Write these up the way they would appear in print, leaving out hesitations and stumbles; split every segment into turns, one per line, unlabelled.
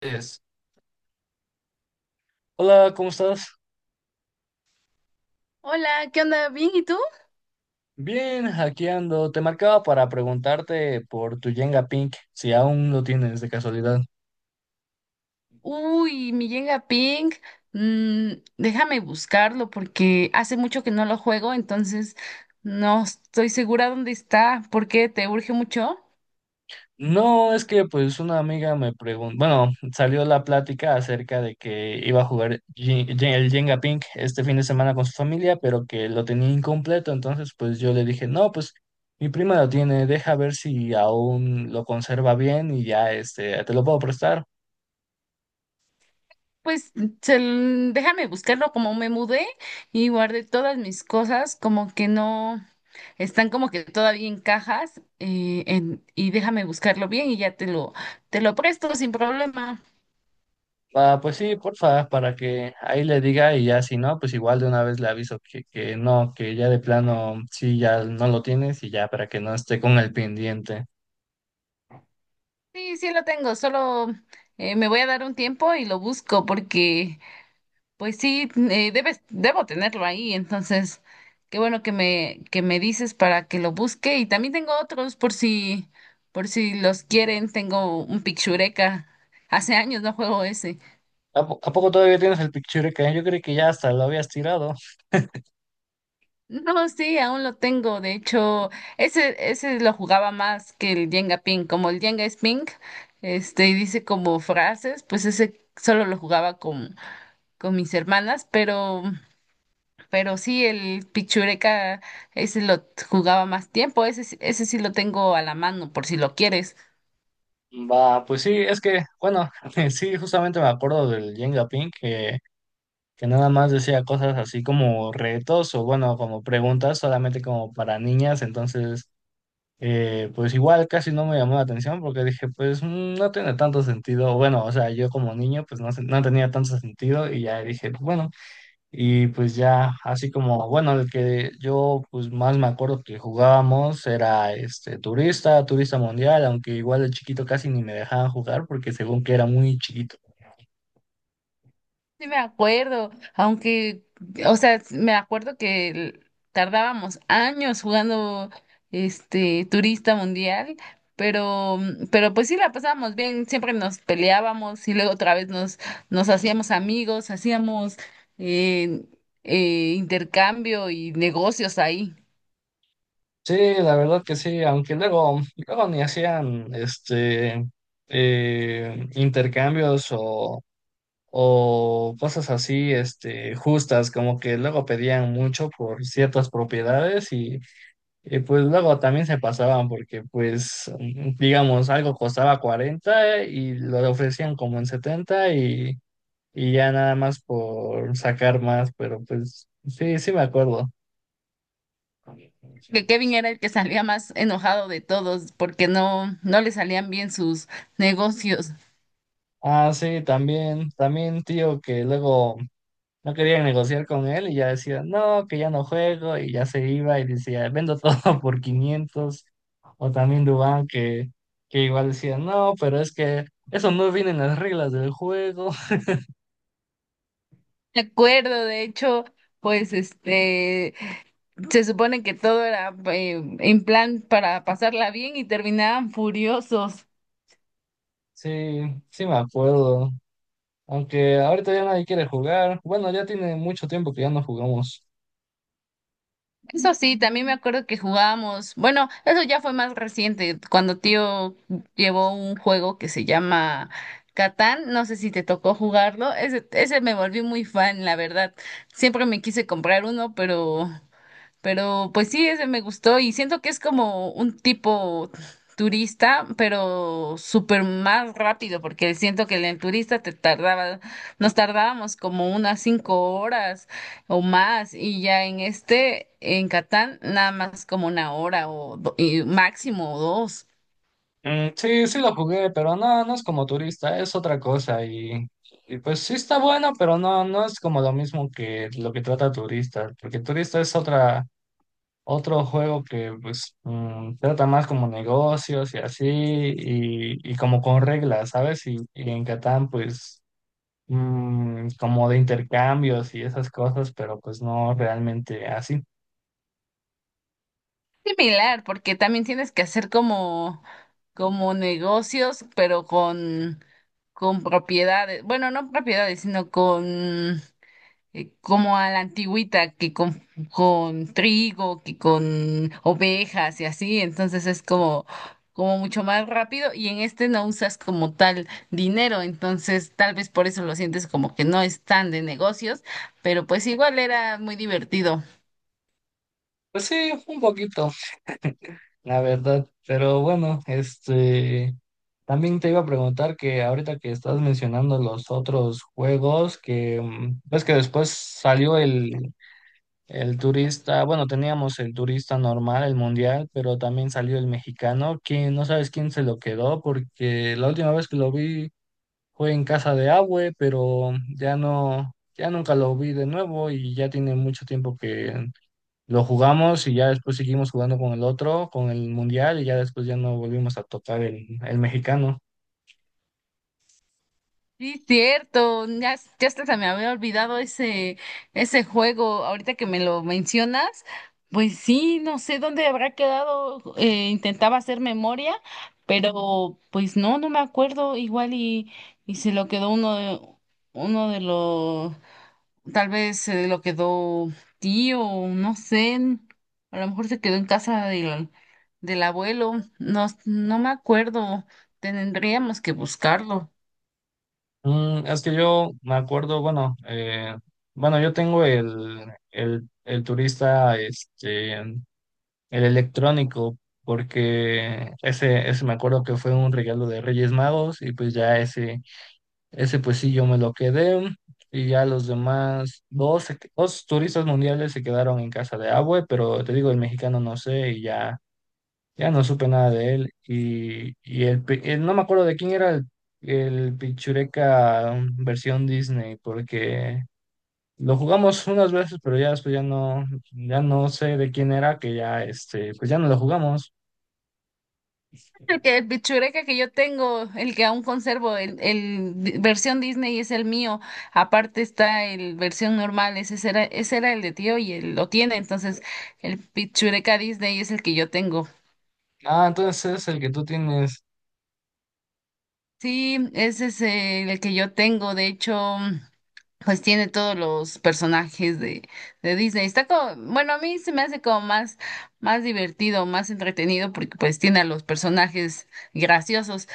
Es- Hola, ¿cómo estás?
Hola, ¿qué onda? ¿Bien? ¿Y tú?
Bien, aquí ando. Te marcaba para preguntarte por tu Jenga Pink, si aún lo tienes de casualidad.
Uy, mi Jenga Ping. Déjame buscarlo porque hace mucho que no lo juego, entonces no estoy segura dónde está. ¿Por qué te urge mucho?
No, es que pues una amiga me preguntó, bueno, salió la plática acerca de que iba a jugar el Jenga Pink este fin de semana con su familia, pero que lo tenía incompleto, entonces pues yo le dije, no, pues mi prima lo tiene, deja ver si aún lo conserva bien y ya este, te lo puedo prestar.
Pues déjame buscarlo, como me mudé y guardé todas mis cosas, como que no están, como que todavía en cajas, y déjame buscarlo bien y ya te lo presto sin problema.
Ah, pues sí, porfa, para que ahí le diga y ya si no, pues igual de una vez le aviso que no, que ya de plano sí, ya no lo tienes y ya para que no esté con el pendiente.
Sí, sí lo tengo, solo me voy a dar un tiempo y lo busco porque, pues sí, debo tenerlo ahí, entonces, qué bueno que que me dices para que lo busque. Y también tengo otros por si los quieren. Tengo un Picchureca, hace años no juego ese.
¿A poco todavía tienes el Pictureka? Yo creí que ya hasta lo habías tirado.
No, sí, aún lo tengo. De hecho, ese lo jugaba más que el Jenga Ping, como el Jenga es Ping, y dice como frases. Pues ese solo lo jugaba con mis hermanas, pero sí, el pichureca, ese lo jugaba más tiempo. Ese, ese sí lo tengo a la mano por si lo quieres.
Va, pues sí, es que, bueno, sí, justamente me acuerdo del Jenga Pink que nada más decía cosas así como retos o bueno, como preguntas solamente como para niñas, entonces. Pues igual casi no me llamó la atención porque dije, pues no tiene tanto sentido. Bueno, o sea, yo como niño, pues no, no tenía tanto sentido y ya dije, pues, bueno, y pues ya así como, bueno, el que yo pues más me acuerdo que jugábamos era este turista, turista mundial, aunque igual de chiquito casi ni me dejaban jugar porque según que era muy chiquito.
Sí me acuerdo, aunque, o sea, me acuerdo que tardábamos años jugando este turista mundial. Pero, pero pues sí la pasábamos bien, siempre nos peleábamos y luego otra vez nos hacíamos amigos, hacíamos eh, intercambio y negocios ahí.
Sí, la verdad que sí, aunque luego, luego ni hacían este intercambios o cosas así, este, justas, como que luego pedían mucho por ciertas propiedades y, pues luego también se pasaban porque pues digamos algo costaba 40 y lo ofrecían como en 70 y ya nada más por sacar más, pero pues sí, sí me acuerdo.
Que Kevin era el que salía más enojado de todos porque no, no le salían bien sus negocios.
Ah, sí, también, también tío que luego no querían negociar con él y ya decía, no, que ya no juego y ya se iba y decía, vendo todo por 500. O también Dubán que igual decía, no, pero es que eso no viene en las reglas del juego.
Me acuerdo. De hecho, pues este, se supone que todo era en plan para pasarla bien y terminaban furiosos.
Sí, sí me acuerdo. Aunque ahorita ya nadie quiere jugar. Bueno, ya tiene mucho tiempo que ya no jugamos.
Eso sí, también me acuerdo que jugábamos, bueno, eso ya fue más reciente, cuando tío llevó un juego que se llama Catán, no sé si te tocó jugarlo. Ese me volví muy fan, la verdad. Siempre me quise comprar uno, pero pues sí, ese me gustó y siento que es como un tipo turista, pero súper más rápido, porque siento que en el turista te tardaba, nos tardábamos como unas cinco horas o más, y ya en este, en Catán, nada más como una hora o y máximo o dos.
Mm, sí, sí lo jugué, pero no, no es como turista, es otra cosa y pues sí está bueno, pero no, no es como lo mismo que lo que trata turista, porque turista es otra. Otro juego que pues trata más como negocios y así, y como con reglas, ¿sabes? Y en Catán pues como de intercambios y esas cosas, pero pues no realmente así.
Similar, porque también tienes que hacer como, como negocios, pero con propiedades, bueno, no propiedades, sino con como a la antigüita, que con trigo, que con ovejas y así, entonces es como, como mucho más rápido, y en este no usas como tal dinero, entonces tal vez por eso lo sientes como que no es tan de negocios, pero pues igual era muy divertido.
Pues sí, un poquito, la verdad. Pero bueno, este, también te iba a preguntar que ahorita que estás mencionando los otros juegos, que ves que después salió el turista, bueno, teníamos el turista normal, el mundial, pero también salió el mexicano, que no sabes quién se lo quedó, porque la última vez que lo vi fue en casa de Abue, pero ya no, ya nunca lo vi de nuevo y ya tiene mucho tiempo que lo jugamos y ya después seguimos jugando con el otro, con el mundial y ya después ya no volvimos a tocar el mexicano.
Sí, cierto, ya, ya hasta se me había olvidado ese, ese juego, ahorita que me lo mencionas. Pues sí, no sé dónde habrá quedado, intentaba hacer memoria, pero pues no, no me acuerdo. Igual y se lo quedó uno de los, tal vez se lo quedó tío, no sé, a lo mejor se quedó en casa del, del abuelo, no, no me acuerdo, tendríamos que buscarlo.
Es que yo me acuerdo, bueno, bueno, yo tengo el turista, este. El electrónico, porque ese, me acuerdo que fue un regalo de Reyes Magos y pues ya ese pues sí yo me lo quedé y ya los demás, dos, dos turistas mundiales se quedaron en casa de Abue, pero te digo, el mexicano no sé y ya, ya no supe nada de él y no me acuerdo de quién era el Pichureca versión Disney, porque. Lo jugamos unas veces, pero ya después ya no, ya no sé de quién era, que ya este, pues ya no lo jugamos.
El que el pichureka que yo tengo, el que aún conservo, versión Disney, es el mío. Aparte está el versión normal, ese era el de tío y él lo tiene. Entonces, el pichureka Disney es el que yo tengo.
Ah, entonces es el que tú tienes.
Sí, ese es el que yo tengo. De hecho, pues tiene todos los personajes de Disney. Está como, bueno, a mí se me hace como más, más divertido, más entretenido, porque pues tiene a los personajes graciosos.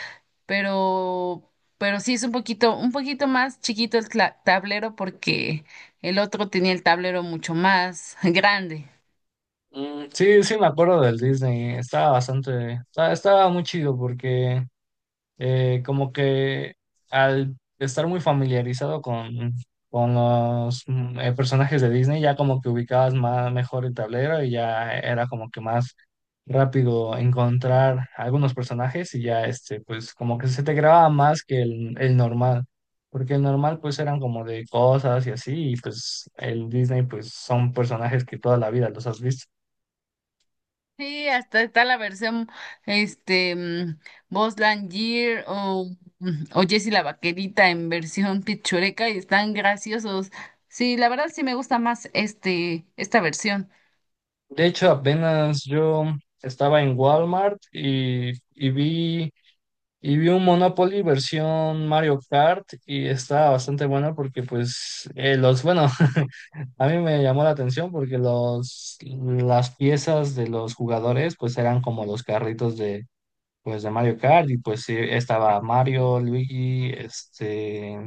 pero, pero sí es un poquito más chiquito el tablero porque el otro tenía el tablero mucho más grande.
Mm, sí, sí, me acuerdo del Disney. Estaba bastante, estaba muy chido porque como que al estar muy familiarizado con los personajes de Disney, ya como que ubicabas más mejor el tablero y ya era como que más rápido encontrar algunos personajes y ya este, pues como que se te grababa más que el normal. Porque el normal pues eran como de cosas y así, y pues el Disney pues son personajes que toda la vida los has visto.
Sí, hasta está la versión, este, mm, Buzz Lightyear o, o Jessie la Vaquerita en versión pichureca y están graciosos. Sí, la verdad sí me gusta más este, esta versión.
De hecho, apenas yo estaba en Walmart y, y vi un Monopoly versión Mario Kart y estaba bastante bueno porque pues bueno, a mí me llamó la atención porque las piezas de los jugadores pues eran como los carritos de Mario Kart y pues sí, estaba Mario, Luigi, este,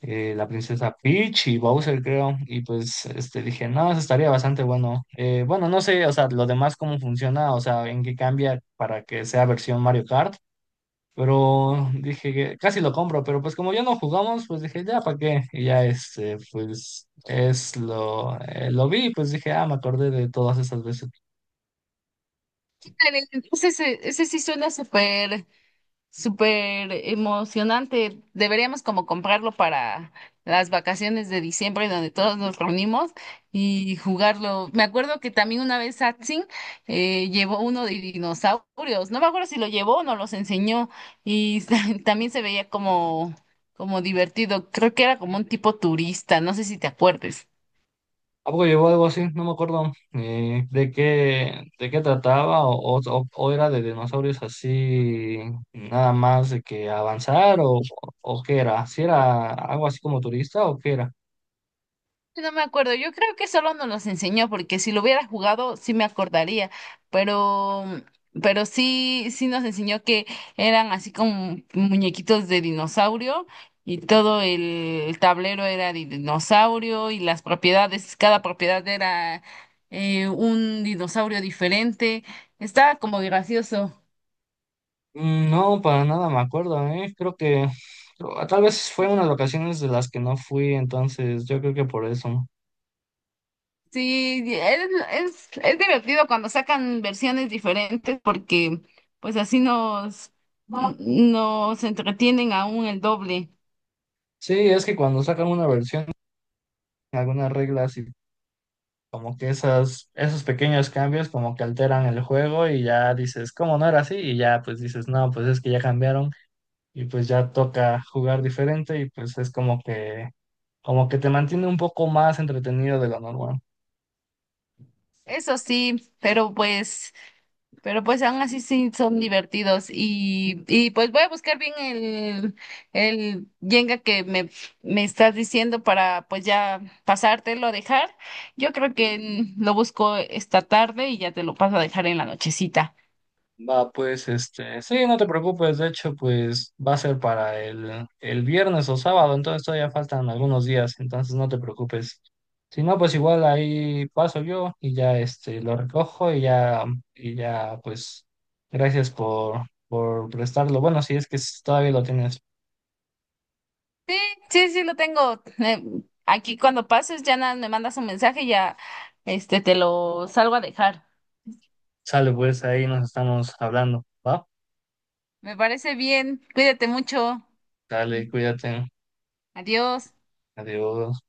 la princesa Peach y Bowser creo y pues este dije, no, eso estaría bastante bueno. Bueno, no sé, o sea, lo demás cómo funciona, o sea, en qué cambia para que sea versión Mario Kart. Pero dije que casi lo compro, pero pues como ya no jugamos, pues dije, ya, ¿para qué? Y ya este, pues es lo vi, pues dije, ah, me acordé de todas esas veces.
Ándale, ese sí suena súper. Súper emocionante. Deberíamos como comprarlo para las vacaciones de diciembre donde todos nos reunimos y jugarlo. Me acuerdo que también una vez Satsin llevó uno de dinosaurios. No me acuerdo si lo llevó o nos los enseñó, y también se veía como, como divertido. Creo que era como un tipo turista. No sé si te acuerdes.
¿A poco llevó algo así? No me acuerdo de qué trataba o era de dinosaurios así, nada más de que avanzar o qué era, si era algo así como turista o qué era.
Sí, no me acuerdo, yo creo que solo nos los enseñó porque si lo hubiera jugado sí me acordaría, pero pero sí sí nos enseñó que eran así como muñequitos de dinosaurio y todo el tablero era de dinosaurio y las propiedades, cada propiedad era un dinosaurio diferente. Estaba como gracioso.
Mm, no, para nada me acuerdo, ¿eh? Creo que ah, tal vez fue unas vacaciones de las que no fui, entonces yo creo que por eso.
Sí, es divertido cuando sacan versiones diferentes porque pues así nos entretienen aún el doble.
Sí, es que cuando sacan una versión, algunas reglas y como que esos pequeños cambios como que alteran el juego y ya dices, ¿cómo no era así? Y ya pues dices, no, pues es que ya cambiaron y pues ya toca jugar diferente y pues es como que te mantiene un poco más entretenido de lo normal.
Eso sí, pero pues aún así sí son divertidos. Y pues voy a buscar bien el Jenga que me estás diciendo para pues ya pasártelo a dejar. Yo creo que lo busco esta tarde y ya te lo paso a dejar en la nochecita.
Va, pues, este, sí, no te preocupes, de hecho, pues va a ser para el viernes o sábado, entonces todavía faltan algunos días, entonces no te preocupes. Si no, pues igual ahí paso yo y ya este lo recojo y ya, pues, gracias por prestarlo. Bueno, si es que todavía lo tienes.
Sí, sí, lo tengo. Aquí cuando pases ya nada, me mandas un mensaje y ya este te lo salgo a dejar.
Sale, pues ahí nos estamos hablando, ¿va?
Me parece bien. Cuídate mucho.
Dale, cuídate.
Adiós.
Adiós.